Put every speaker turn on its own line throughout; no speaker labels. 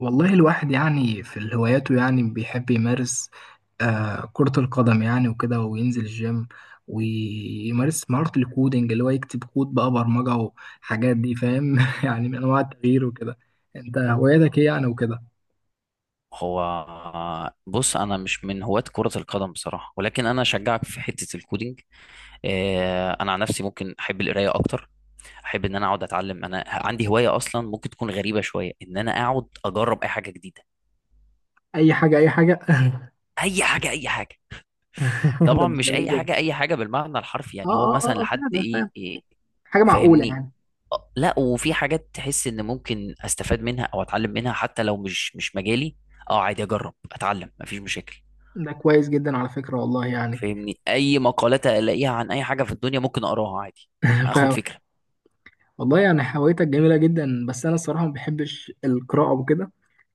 والله الواحد يعني في الهواياته يعني بيحب يمارس كرة القدم يعني وكده، وينزل الجيم ويمارس مهارة الكودينج اللي هو يكتب كود بقى برمجة وحاجات دي فاهم؟ يعني من أنواع التغيير وكده. أنت هواياتك إيه يعني وكده؟
هو بص، انا مش من هواة كرة القدم بصراحة، ولكن انا اشجعك في حتة الكودينج. انا عن نفسي ممكن احب القرايه اكتر. احب ان انا اقعد اتعلم. انا عندي هوايه اصلا ممكن تكون غريبه شويه، ان انا اقعد اجرب اي حاجه جديده.
أي حاجة أي حاجة.
اي حاجه اي حاجه.
ده
طبعا
ده
مش
جميل
اي
جدا.
حاجه اي حاجه بالمعنى الحرفي،
آه
يعني هو
آه
مثلا
آه آه،
لحد
فاهم
ايه,
فاهم،
إيه
حاجة معقولة
فاهمني؟
يعني.
لا، وفي حاجات تحس ان ممكن استفاد منها او اتعلم منها حتى لو مش مجالي. اه عادي اجرب اتعلم، مفيش مشاكل.
ده كويس جدا على فكرة والله يعني.
فاهمني؟ اي مقالات الاقيها عن اي حاجه في الدنيا ممكن اقراها عادي اخد
فاهم.
فكره.
والله يعني هوايتك جميلة جدا بس أنا الصراحة ما بحبش القراءة وكده.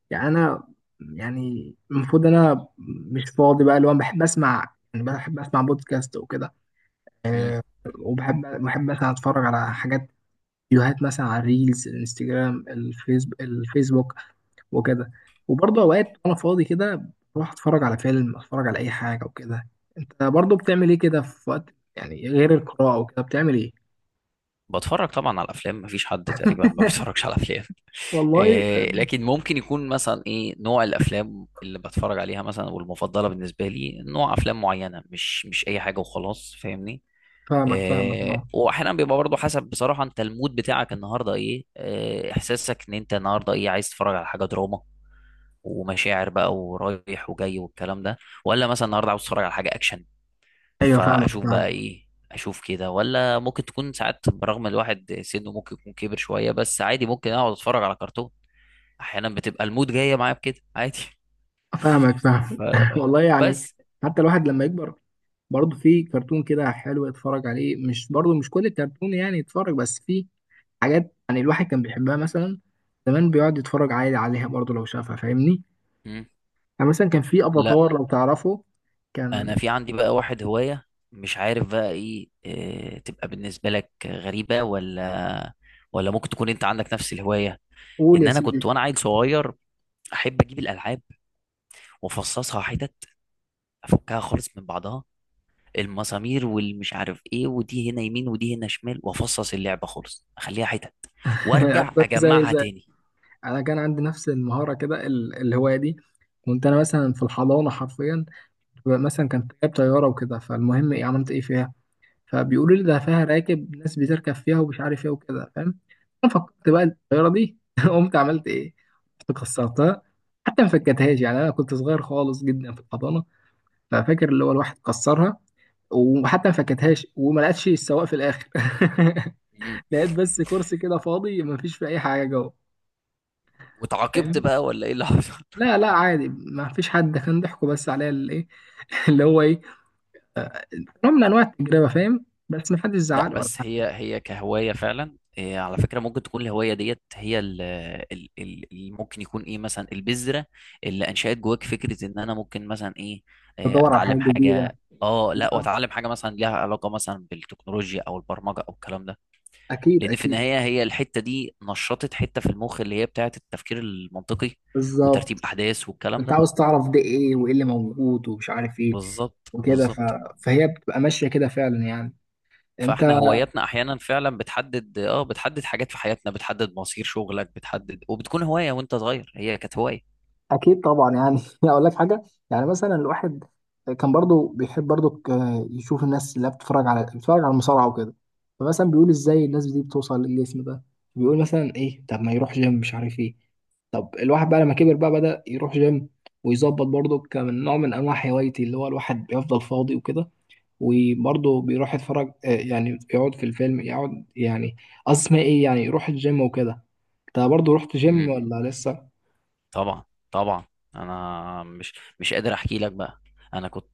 يعني انا، يعني المفروض انا مش فاضي بقى اللي هو بحب اسمع بودكاست وكده.
مم.
وبحب مثلا اتفرج على حاجات، فيديوهات مثلا على الريلز الانستجرام الفيسبوك وكده. وبرضه اوقات وانا فاضي كده بروح اتفرج على فيلم، اتفرج على اي حاجه وكده. انت برضه بتعمل ايه كده في وقت يعني غير القراءه وكده بتعمل ايه؟
بتفرج طبعا على الافلام، مفيش حد تقريبا ما بيتفرجش على افلام.
والله.
إيه، لكن ممكن يكون مثلا ايه نوع الافلام اللي بتفرج عليها مثلا، والمفضله بالنسبه لي نوع افلام معينه، مش اي حاجه وخلاص، فاهمني؟
فاهمك فاهمك
إيه،
اه.
واحيانا بيبقى برضه حسب بصراحه انت المود بتاعك النهارده إيه، احساسك ان انت النهارده ايه، عايز تتفرج على حاجه دراما ومشاعر بقى ورايح وجاي والكلام ده، ولا مثلا النهارده عاوز تتفرج على حاجه اكشن.
ايوه فاهمك
فاشوف بقى
فاهمك
ايه، اشوف كده. ولا ممكن تكون ساعات برغم الواحد سنه ممكن يكون كبر شويه، بس عادي ممكن اقعد اتفرج على كرتون. احيانا بتبقى المود جايه معايا بكده عادي.
فاهمك فاهمك. والله يعني.
فبس.
حتى الواحد لما يكبر برضه في كرتون كده حلو اتفرج عليه، مش برضه مش كل الكرتون يعني اتفرج، بس في حاجات يعني الواحد كان بيحبها مثلا زمان بيقعد يتفرج عادي عليها برضه لو شافها فاهمني.
مم.
يعني مثلا كان في
لا،
افاتار لو تعرفه
انا
كان.
في عندي بقى واحد هوايه، مش عارف بقى ايه، تبقى بالنسبه لك غريبه ولا ممكن تكون انت عندك نفس الهوايه.
قول
ان
يا
انا
سيدي.
كنت وانا عيل صغير احب اجيب الالعاب، وافصصها حتت، افكها خالص من بعضها، المسامير والمش عارف ايه، ودي هنا يمين ودي هنا شمال، وافصص اللعبه خالص اخليها حتت،
أنا
وارجع
زي
اجمعها
زي
تاني.
انا كان عندي نفس المهاره كده الهوايه دي. كنت انا مثلا في الحضانه حرفيا، مثلا كان جايب طياره وكده، فالمهم ايه عملت ايه فيها؟ فبيقولوا لي ده فيها راكب، ناس بتركب فيها ومش عارف ايه وكده، فاهم؟ انا فكرت بقى الطياره دي قمت عملت ايه؟ كنت كسرتها، حتى ما فكتهاش، يعني انا كنت صغير خالص جدا في الحضانه. ففاكر اللي هو الواحد كسرها وحتى ما فكتهاش وما لقتش السواق في الاخر.
مم.
لقيت بس كرسي كده فاضي ما فيش فيه اي حاجه جوه.
واتعاقبت
فاهم.
بقى ولا ايه اللي حصل؟
لا لا عادي، ما فيش حد، ده كان ضحكوا بس عليا الايه. اللي هو ايه، نوع من انواع التجربه فاهم، بس ما حدش
لا،
زعل ولا
بس
حاجه.
هي هي كهوايه فعلا إيه، على فكره ممكن تكون الهوايه ديت هي اللي ممكن يكون ايه مثلا البذره اللي انشات جواك فكره ان انا ممكن مثلا ايه،
بدور على حاجه
اتعلم
جديده.
حاجه. اه لا،
بالظبط،
واتعلم حاجه مثلا ليها علاقه مثلا بالتكنولوجيا او البرمجه او الكلام ده.
اكيد
لان في
اكيد.
النهايه هي الحته دي نشطت حته في المخ اللي هي بتاعه التفكير المنطقي، وترتيب
بالظبط.
احداث والكلام
انت
ده.
عاوز تعرف ده ايه وايه اللي موجود ومش عارف ايه
بالظبط
وكده
بالظبط.
فهي بتبقى ماشيه كده فعلا يعني، انت.
فاحنا هواياتنا احيانا فعلا بتحدد، اه بتحدد حاجات في حياتنا، بتحدد مصير شغلك، بتحدد. وبتكون هوايه وانت صغير هي كانت هوايه.
اكيد طبعا يعني. اقول لك حاجه، يعني مثلا الواحد كان برضو بيحب برضو يشوف الناس اللي بتتفرج على المصارعه وكده. فمثلا بيقول ازاي الناس دي بتوصل للاسم ده، بيقول مثلا ايه، طب ما يروح جيم مش عارف ايه. طب الواحد بقى لما كبر بقى بدأ يروح جيم ويظبط برضو كمن نوع من انواع هوايتي اللي هو الواحد بيفضل فاضي وكده. وبرضه بيروح يتفرج، يعني يقعد في الفيلم، يقعد يعني اسمه ايه يعني يروح الجيم وكده. انت برضه رحت جيم ولا لسه؟
طبعا طبعا. انا مش قادر احكي لك بقى. انا كنت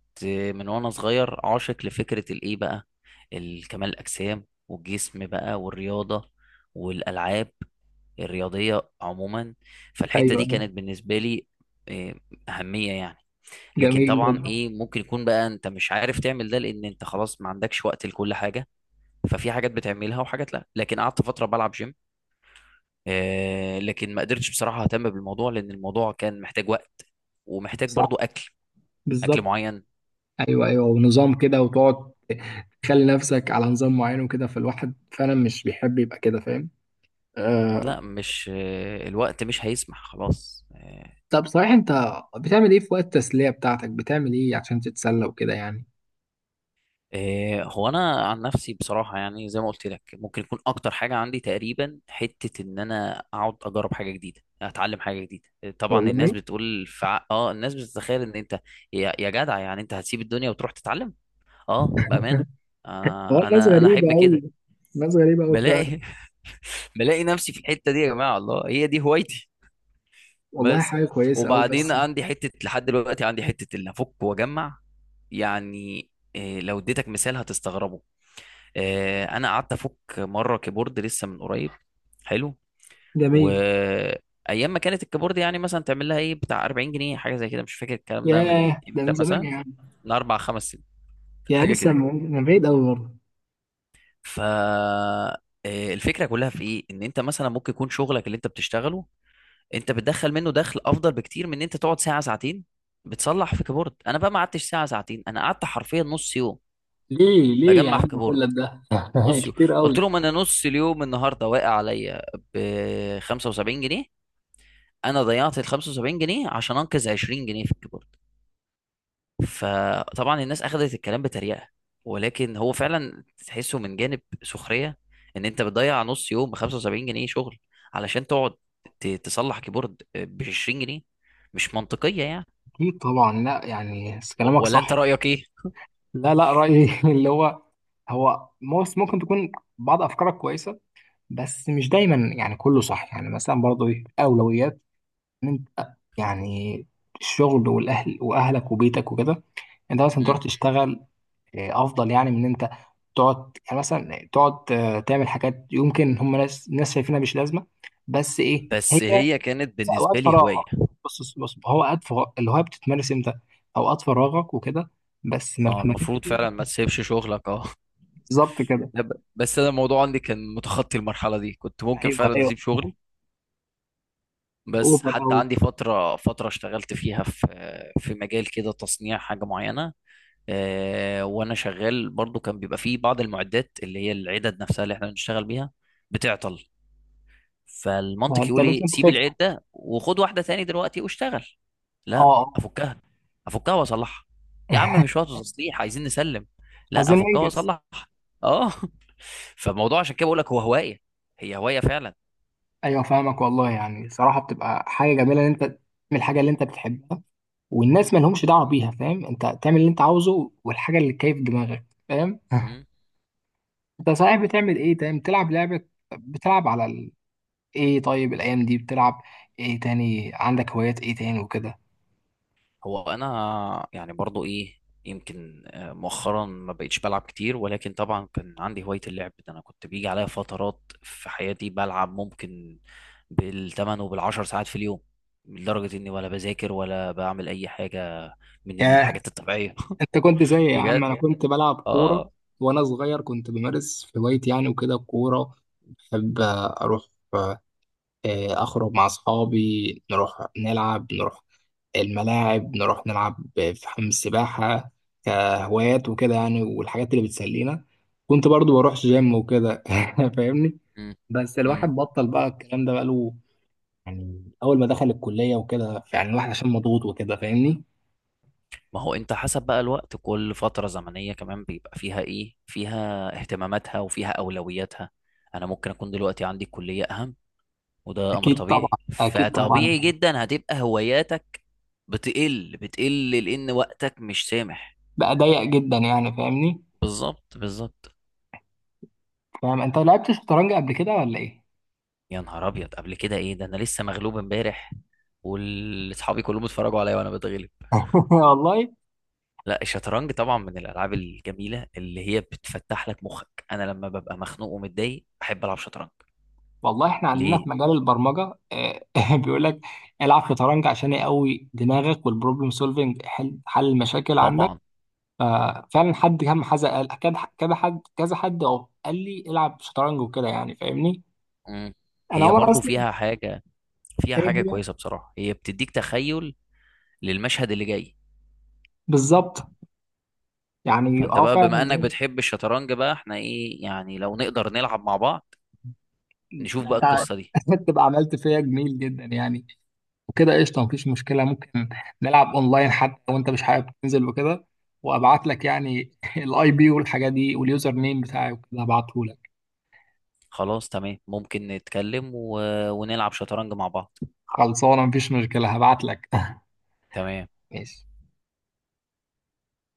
من وانا صغير عاشق لفكره الايه بقى، الكمال الاجسام والجسم بقى والرياضه، والالعاب الرياضيه عموما. فالحته
ايوه
دي كانت بالنسبه لي إيه، اهميه يعني. لكن
جميل
طبعا
جدا
ايه ممكن يكون بقى انت مش عارف تعمل ده لان انت خلاص ما عندكش وقت لكل حاجه، ففي حاجات بتعملها وحاجات لا. لكن قعدت فتره بلعب جيم، لكن ما قدرتش بصراحة اهتم بالموضوع، لان الموضوع كان محتاج وقت، ومحتاج
صح
برضو اكل، اكل
بالظبط.
معين.
ايوه ايوه ونظام كده، وتقعد تخلي نفسك على نظام معين وكده، فالواحد فعلا مش بيحب يبقى كده فاهم. آه.
لا، مش الوقت مش هيسمح خلاص
طب صحيح انت بتعمل ايه في وقت التسلية بتاعتك، بتعمل ايه عشان تتسلى وكده يعني؟
هو انا عن نفسي بصراحة، يعني زي ما قلت لك ممكن يكون اكتر حاجة عندي تقريبا حتة ان انا اقعد اجرب حاجة جديدة اتعلم حاجة جديدة. طبعا
والله.
الناس بتقول اه، الناس بتتخيل ان انت يا جدع، يعني انت هتسيب الدنيا وتروح تتعلم. اه بأمانة،
هو الناس
انا
غريبة
احب كده.
أوي، ناس غريبة أوي فعلا.
بلاقي بلاقي نفسي في الحته دي. يا جماعه الله هي دي هوايتي.
والله
بس.
حاجة كويسة أوي
وبعدين
بس.
عندي حته لحد دلوقتي عندي حته اللي افك واجمع يعني. لو اديتك مثال هتستغربه. انا قعدت افك مره كيبورد لسه من قريب. حلو.
جميل.
وايام ما كانت الكيبورد يعني مثلا تعمل لها ايه بتاع 40 جنيه حاجه زي كده، مش فاكر الكلام ده من
ياه ده
امتى،
من زمان
مثلا
يا عم.
من اربع خمس سنين
يا
حاجه
لسه
كده.
من بعيد قوي برضه.
ف الفكره كلها في ايه، ان انت مثلا ممكن يكون شغلك اللي انت بتشتغله انت بتدخل منه دخل افضل بكتير من ان انت تقعد ساعه ساعتين بتصلح في كيبورد. انا بقى ما قعدتش ساعه ساعتين، انا قعدت حرفيا نص يوم
ليه ليه يا
بجمع في
عم
كيبورد.
كل ده؟
نص يوم.
كتير
قلت
قوي.
لهم انا نص اليوم النهارده واقع عليا ب 75 جنيه. انا ضيعت ال 75 جنيه عشان انقذ 20 جنيه في الكيبورد. فطبعا الناس اخذت الكلام بتريقه، ولكن هو فعلا تحسه من جانب سخريه، ان انت بتضيع نص يوم ب 75 جنيه شغل علشان تقعد تصلح كيبورد ب 20 جنيه، مش منطقيه يعني.
اكيد طبعا، لا يعني بس كلامك
ولا
صح.
انت رأيك ايه؟
لا لا، رايي اللي هو هو موس ممكن تكون بعض افكارك كويسه، بس مش دايما يعني كله صح، يعني مثلا برضه ايه اولويات ان انت يعني الشغل والاهل واهلك وبيتك وكده. انت مثلا
مم.
تروح تشتغل، افضل يعني من ان انت تقعد يعني مثلا تقعد، تعمل حاجات يمكن هم ناس ناس شايفينها مش لازمه، بس ايه هي
بس هي كانت
في اوقات
بالنسبة لي هواية.
فراغك. بص بص بص، هو اوقات الهوايه بتتمارس امتى؟ اوقات فراغك وكده، بس ما
اه
تمارسش.
المفروض فعلا ما تسيبش شغلك. اه
بالظبط كده.
لا، بس انا الموضوع عندي كان متخطي المرحلة دي، كنت ممكن
ايوه
فعلا
ايوه
اسيب شغلي. بس
اوفر
حتى
قوي.
عندي فترة اشتغلت فيها في مجال كده، تصنيع حاجة معينة. وانا شغال برضو كان بيبقى فيه بعض المعدات اللي هي العدد نفسها اللي احنا بنشتغل بيها بتعطل. فالمنطق
انت
يقول
لازم
ايه، سيب
تفك.
العيب ده وخد واحده تاني دلوقتي واشتغل.
اه.
لا،
آه.
افكها. افكها واصلحها. يا عم مش وقت تصليح، عايزين نسلم. لا
عايزين
افكها
ننجز.
واصلحها. اه. فالموضوع عشان كده بقول لك هو هوايه. هي هوايه فعلا.
ايوه فاهمك والله يعني، صراحه بتبقى حاجه جميله ان انت من الحاجه اللي انت بتحبها والناس ما لهمش دعوه بيها، فاهم، انت تعمل اللي انت عاوزه والحاجه اللي كيف دماغك فاهم.
مم.
انت صحيح بتعمل ايه؟ تمام، بتلعب لعبه؟ بتلعب على ال... ايه طيب الايام دي بتلعب ايه تاني؟ عندك هوايات ايه تاني وكده؟
هو انا يعني برضو ايه، يمكن مؤخرا ما بقيتش بلعب كتير، ولكن طبعا كان عندي هواية اللعب ده. انا كنت بيجي عليا فترات في حياتي بلعب ممكن بالثمان وبالعشر ساعات في اليوم، لدرجة اني ولا بذاكر ولا بعمل اي حاجة من
ياه
الحاجات الطبيعية.
انت كنت زي يا
بجد؟
عم، انا كنت بلعب كوره
اه.
وانا صغير، كنت بمارس هوايتي يعني وكده الكوره. بحب اروح، أخرج مع أصحابي نروح نلعب، نروح الملاعب نروح نلعب في حمام السباحة كهوايات وكده يعني، والحاجات اللي بتسلينا. كنت برضو بروح جيم وكده. فاهمني.
مم.
بس
مم.
الواحد بطل بقى الكلام ده بقاله، يعني أول ما دخل الكلية وكده يعني الواحد عشان مضغوط وكده فاهمني.
ما هو انت حسب بقى الوقت، كل فترة زمنية كمان بيبقى فيها ايه، فيها اهتماماتها وفيها اولوياتها. انا ممكن اكون دلوقتي عندي كلية اهم، وده امر
أكيد طبعا
طبيعي.
أكيد طبعا.
فطبيعي جدا هتبقى هواياتك بتقل لان وقتك مش سامح.
بقى ضيق جدا يعني فاهمني.
بالظبط بالظبط.
فاهم. أنت لعبت شطرنج قبل كده ولا إيه؟
يا نهار ابيض، قبل كده ايه ده، انا لسه مغلوب امبارح واصحابي كلهم اتفرجوا عليا وانا بتغلب.
والله
لا، الشطرنج طبعا من الالعاب الجميله اللي هي بتفتح لك مخك. انا لما ببقى مخنوق ومتضايق بحب العب شطرنج.
والله. احنا عندنا
ليه؟
في مجال البرمجه، بيقول لك العب شطرنج عشان يقوي دماغك والبروبلم سولفنج، حل المشاكل عندك.
طبعا.
ففعلا حد كم حد قال كذا كذا حد كذا حد أهو قال لي العب شطرنج وكده يعني فاهمني.
مم.
انا
هي
عمر
برضو
اصلا.
فيها حاجه، فيها
ايه
حاجه
هي؟
كويسه بصراحه، هي بتديك تخيل للمشهد اللي جاي.
بالظبط. يعني
فانت
اه
بقى بما
فعلا
انك
ده
بتحب الشطرنج بقى، احنا ايه يعني لو نقدر نلعب مع بعض، نشوف
ده
بقى
انت
القصة دي.
تبقى عملت فيا جميل جدا يعني، وكده قشطه مفيش مشكله. ممكن نلعب اونلاين حتى لو انت مش حابب تنزل وكده، وابعت لك يعني الاي بي والحاجات دي واليوزر نيم بتاعي وكده هبعته لك.
خلاص تمام، ممكن نتكلم ونلعب شطرنج مع بعض.
خلصانه مفيش مشكله هبعت لك.
تمام.
ماشي.